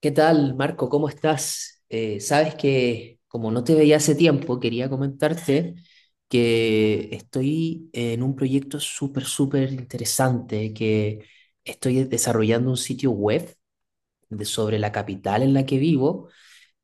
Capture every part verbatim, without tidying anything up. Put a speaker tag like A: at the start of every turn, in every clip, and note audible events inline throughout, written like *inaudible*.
A: ¿Qué tal, Marco? ¿Cómo estás? Eh, sabes que como no te veía hace tiempo, quería comentarte que estoy en un proyecto súper, súper interesante, que estoy desarrollando un sitio web de- sobre la capital en la que vivo,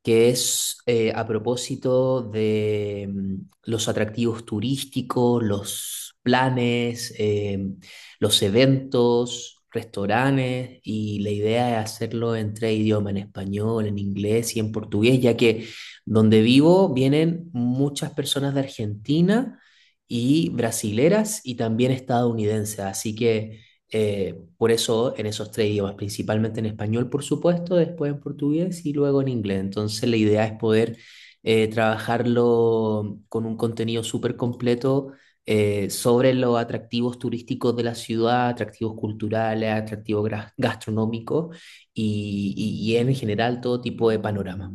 A: que es eh, a propósito de mm, los atractivos turísticos, los planes, eh, los eventos, restaurantes, y la idea es hacerlo en tres idiomas, en español, en inglés y en portugués, ya que donde vivo vienen muchas personas de Argentina y brasileras y también estadounidenses, así que... Eh, por eso en esos tres idiomas, principalmente en español, por supuesto, después en portugués y luego en inglés. Entonces la idea es poder eh, trabajarlo con un contenido súper completo eh, sobre los atractivos turísticos de la ciudad, atractivos culturales, atractivos gra- gastronómicos y, y- y en general todo tipo de panorama.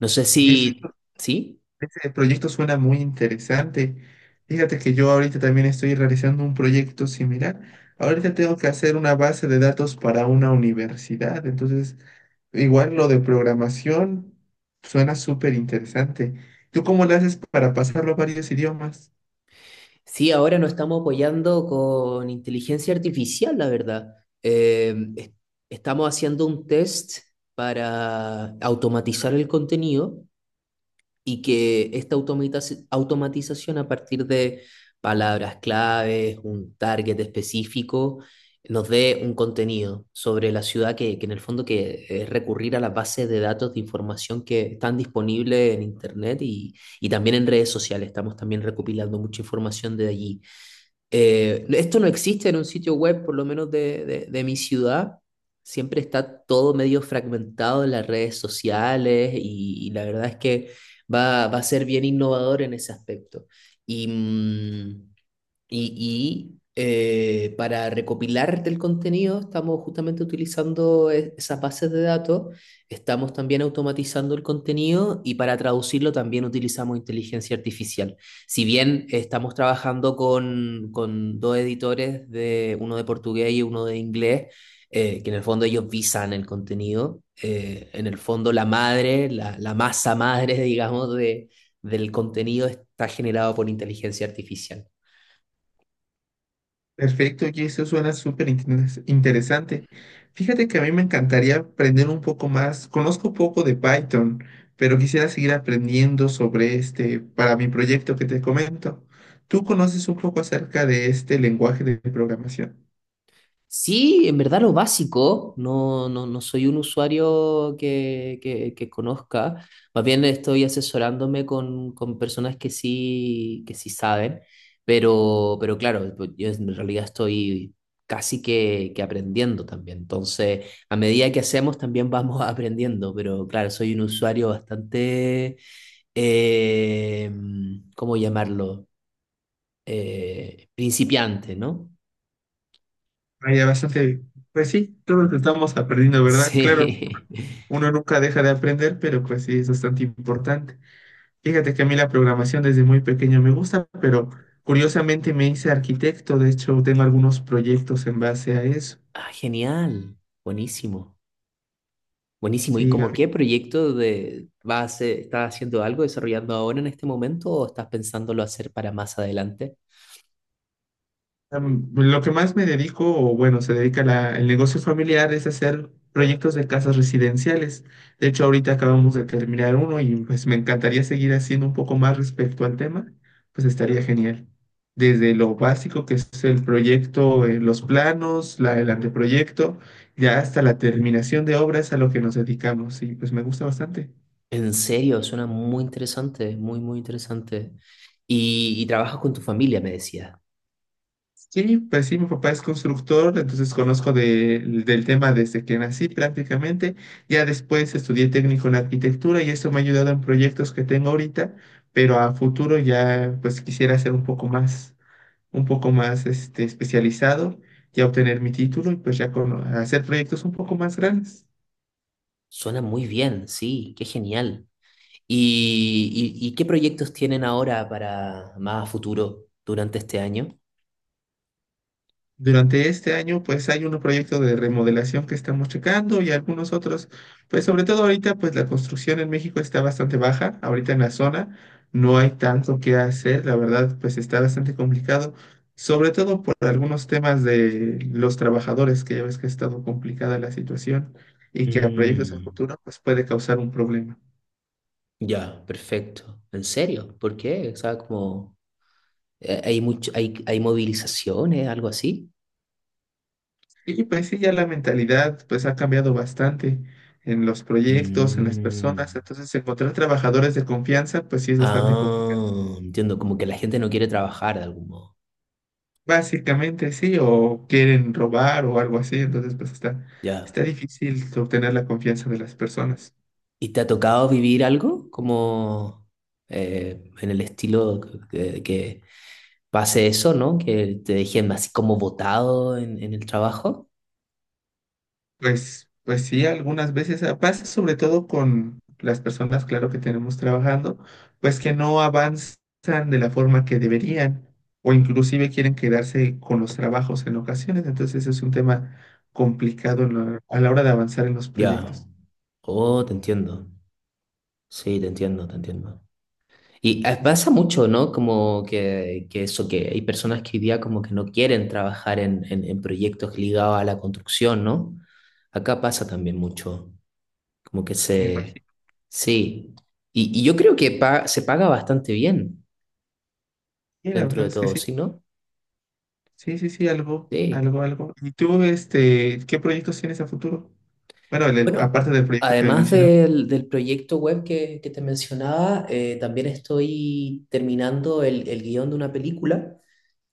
A: No sé
B: Oye, ese,
A: si... ¿Sí?
B: ese proyecto suena muy interesante. Fíjate que yo ahorita también estoy realizando un proyecto similar. Ahorita tengo que hacer una base de datos para una universidad. Entonces, igual lo de programación suena súper interesante. ¿Tú cómo lo haces para pasarlo a varios idiomas?
A: Sí, ahora nos estamos apoyando con inteligencia artificial, la verdad. Eh, es- Estamos haciendo un test para automatizar el contenido, y que esta automatiz- automatización, a partir de palabras claves, un target específico, nos dé un contenido sobre la ciudad, que, que en el fondo que es recurrir a las bases de datos de información que están disponibles en Internet y, y también en redes sociales. Estamos también recopilando mucha información de allí. Eh, esto no existe en un sitio web, por lo menos de, de- de mi ciudad. Siempre está todo medio fragmentado en las redes sociales y, y la verdad es que va, va a ser bien innovador en ese aspecto. Y, mm, y, y, eh, para recopilar del contenido estamos justamente utilizando e- esas bases de datos, estamos también automatizando el contenido y para traducirlo también utilizamos inteligencia artificial. Si bien estamos trabajando con, con dos editores, de uno de portugués y uno de inglés, eh, que en el fondo ellos visan el contenido, eh, en el fondo la madre, la, la masa madre, *laughs* digamos, de, del contenido está generado por inteligencia artificial.
B: Perfecto, y eso suena súper interes- interesante. Fíjate que a mí me encantaría aprender un poco más. Conozco poco de Python, pero quisiera seguir aprendiendo sobre este para mi proyecto que te comento. ¿Tú conoces un poco acerca de este lenguaje de programación?
A: Sí, en verdad lo básico, no, no, no soy un usuario que, que, que conozca, más bien estoy asesorándome con, con personas que sí, que sí saben, pero, pero claro, pues yo en realidad estoy casi que, que aprendiendo también, entonces a medida que hacemos también vamos *laughs* aprendiendo, pero claro, soy un usuario bastante, eh, ¿cómo llamarlo? Eh, principiante, ¿no?
B: Vaya, bastante. Pues sí, todos estamos aprendiendo,
A: *laughs*
B: ¿verdad? Claro,
A: Sí.
B: uno nunca deja de aprender, pero pues sí, es bastante importante. Fíjate que a mí la programación desde muy pequeño me gusta, pero curiosamente me hice arquitecto, de hecho tengo algunos proyectos en base a eso.
A: Ah, genial, buenísimo, buenísimo. ¿Y
B: Sí,
A: como qué proyecto de vas a hacer- estás haciendo algo desarrollando ahora en este momento, o estás pensándolo hacer para más adelante?
B: Em, lo que más me dedico, o bueno, se dedica la- el negocio familiar, es hacer proyectos de casas residenciales. De hecho, ahorita acabamos de terminar uno y pues me encantaría seguir haciendo un poco más respecto al tema, pues estaría genial. Desde lo básico que es el proyecto, eh, los planos, la, el anteproyecto, ya hasta la terminación de obras a lo que nos dedicamos y pues me gusta bastante.
A: En serio, suena muy interesante, muy, muy interesante. Y, y trabajas con tu familia, me decía.
B: Sí, pues sí, mi papá es constructor, entonces conozco de- del tema desde que nací prácticamente. Ya después estudié técnico en arquitectura y eso me ha ayudado en proyectos que tengo ahorita, pero a futuro ya pues quisiera ser un poco más, un poco más este, especializado, ya obtener mi título y pues ya con, hacer proyectos un poco más grandes.
A: Suena muy bien, sí, qué genial. ¿Y, y- y qué proyectos tienen ahora para más a futuro durante este año?
B: Durante este año, pues hay unos proyectos de remodelación que estamos checando y algunos otros, pues sobre todo ahorita, pues la construcción en México está bastante baja, ahorita en la zona no hay tanto que hacer, la verdad, pues está bastante complicado, sobre todo por algunos temas de los trabajadores, que ya ves que ha estado complicada la situación y que a proyectos a
A: Mm,
B: futuro, pues puede causar un problema.
A: ya, perfecto. ¿En serio? ¿Por qué? O sea, como... Eh, ¿Hay mucho, hay, hay movilizaciones, algo así?
B: Y pues sí, ya la mentalidad pues ha cambiado bastante en los proyectos, en las personas,
A: Mm.
B: entonces encontrar trabajadores de confianza pues sí es bastante complicado.
A: Ah, entiendo, como que la gente no quiere trabajar de algún modo.
B: Básicamente sí, o quieren robar o algo así, entonces pues está,
A: Ya.
B: está difícil obtener la confianza de las personas.
A: ¿Y te ha tocado vivir algo como eh, en el estilo que, que pase eso, ¿no? Que te dejen así como botado en, en el trabajo.
B: Pues, pues sí, algunas veces ah, pasa sobre todo con las personas, claro, que tenemos trabajando, pues que no avanzan de la forma que deberían o inclusive quieren quedarse con los trabajos en ocasiones. Entonces es un tema complicado en la- a la hora de avanzar en los
A: Ya.
B: proyectos.
A: Oh, te entiendo. Sí, te entiendo, te entiendo. Y eh,
B: Y,
A: pasa mucho, ¿no? Como que, que eso, que hay personas que hoy día como que no quieren trabajar en, en, en proyectos ligados a la construcción, ¿no? Acá pasa también mucho, como que
B: y me
A: se...
B: imagino.
A: Sí, y, y yo creo que pa- se paga bastante bien
B: Y la
A: dentro
B: verdad
A: de
B: es que
A: todo,
B: sí.
A: ¿sí, no?
B: Sí, sí, sí, algo,
A: Sí.
B: algo, algo. ¿Y tú, este, qué proyectos tienes a futuro? Bueno, el- el-
A: Bueno,
B: aparte del proyecto que me
A: además
B: mencionabas.
A: del, del proyecto web que, que te mencionaba, eh, también estoy terminando el, el guión de una película,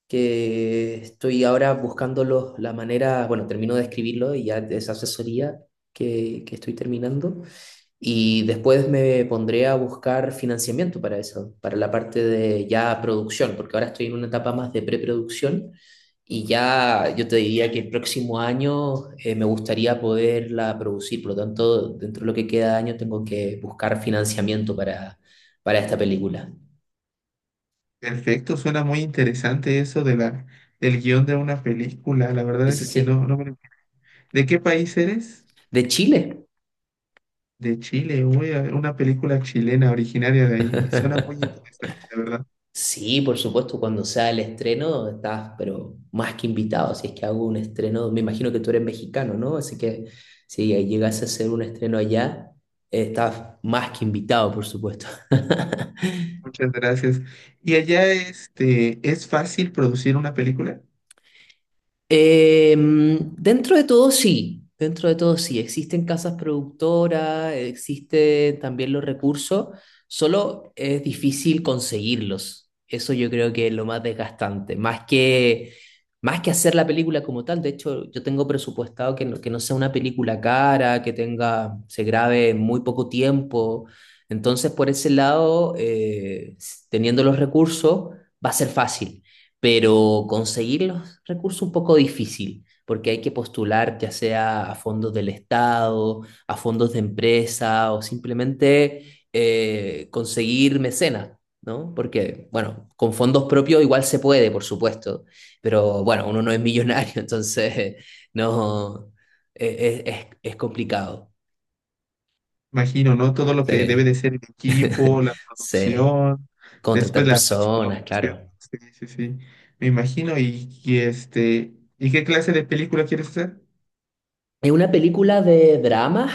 A: que estoy ahora buscando los- la manera. Bueno, termino de escribirlo y ya esa asesoría que, que estoy terminando. Y después me pondré a buscar financiamiento para eso, para la parte de ya producción, porque ahora estoy en una etapa más de preproducción, y ya yo te diría que el próximo año eh, me gustaría poderla producir. Por lo tanto, dentro de lo que queda de año tengo que buscar financiamiento para, para esta película.
B: Perfecto, suena muy interesante eso de la, del guión de una película. La
A: Sí,
B: verdad
A: sí,
B: es que
A: sí.
B: no, no me- ¿De qué país eres?
A: De Chile.
B: De Chile, uy, a ver, una película chilena originaria de ahí. Suena muy
A: *laughs*
B: interesante, la verdad.
A: Sí, por supuesto, cuando sea el estreno estás, pero más que invitado, si es que hago un estreno. Me imagino que tú eres mexicano, ¿no? Así que si llegase a hacer un estreno allá, eh, estás más que invitado, por supuesto. *laughs*
B: Muchas gracias. ¿Y allá este, es fácil producir una película?
A: Eh, dentro de todo sí, dentro de todo sí, existen casas productoras, existen también los recursos, solo es difícil conseguirlos. Eso yo creo que es lo más desgastante, más que, más que hacer la película como tal. De hecho, yo tengo presupuestado que no, que no sea una película cara, que tenga, se grabe en muy poco tiempo. Entonces, por ese lado, eh, teniendo los recursos, va a ser fácil, pero conseguir los recursos un poco difícil, porque hay que postular ya sea a fondos del Estado, a fondos de empresa, o simplemente eh, conseguir mecenas, ¿no? Porque, bueno, con fondos propios igual se puede, por supuesto, pero bueno, uno no es millonario, *laughs* entonces no, eh, es, es, es complicado.
B: Imagino, ¿no? Todo lo que debe
A: Sí,
B: de ser el
A: *laughs*
B: equipo, la
A: sí,
B: producción, después
A: contratar
B: la
A: personas,
B: postproducción.
A: claro.
B: Sí, sí, sí. Me imagino. Y, y este, ¿y qué clase de película quieres hacer?
A: Es una película de drama.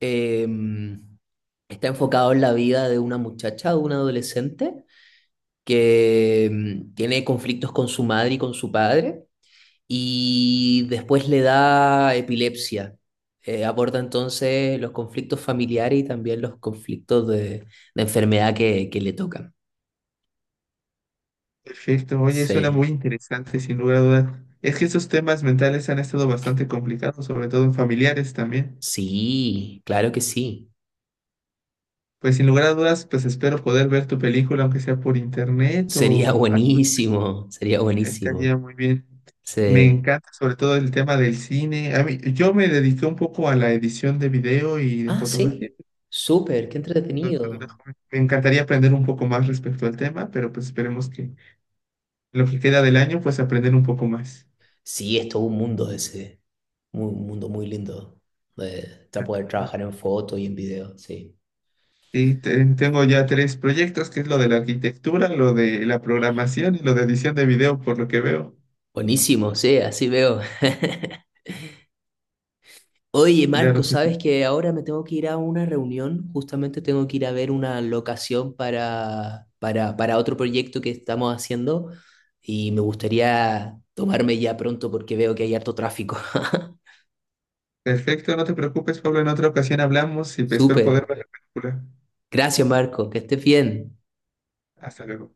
A: em, Está enfocado en la vida de una muchacha, de una adolescente, que mm, tiene conflictos con su madre y con su padre, y después le da epilepsia. Eh, aborda entonces los conflictos familiares y también los conflictos de, de enfermedad que, que le tocan.
B: Perfecto, oye, suena
A: Sí,
B: muy interesante, sin lugar a dudas. Es que estos temas mentales han estado bastante complicados, sobre todo en familiares también.
A: sí, claro que sí.
B: Pues sin lugar a dudas, pues espero poder ver tu película, aunque sea por internet
A: Sería *laughs*
B: o algo así.
A: buenísimo, sería buenísimo.
B: Estaría muy bien. Me
A: Sí.
B: encanta sobre todo el tema del cine. A mí, yo me dediqué un poco a la edición de video y de
A: Ah,
B: fotografía.
A: sí, súper, qué
B: cuando cuando era
A: entretenido.
B: joven. Me encantaría aprender un poco más respecto al tema, pero pues esperemos que en lo que queda del año, pues aprender un poco más.
A: Sí, es todo un mundo ese. Mu- Un mundo muy lindo de para poder trabajar en foto y en video, sí.
B: Y te- tengo ya tres proyectos, que es lo de la arquitectura, lo de la programación y lo de edición de video, por lo que veo.
A: Buenísimo, sí, así veo. *laughs* Oye, Marco,
B: Claro que
A: sabes
B: sí.
A: que ahora me tengo que ir a una reunión, justamente tengo que ir a ver una locación para, para, para otro proyecto que estamos haciendo, y me gustaría tomarme ya pronto porque veo que hay harto tráfico. *laughs*
B: Perfecto, no te preocupes, Pablo. En otra ocasión hablamos y espero poder
A: Súper.
B: ver la película.
A: Gracias, Marco, que estés bien.
B: Hasta luego.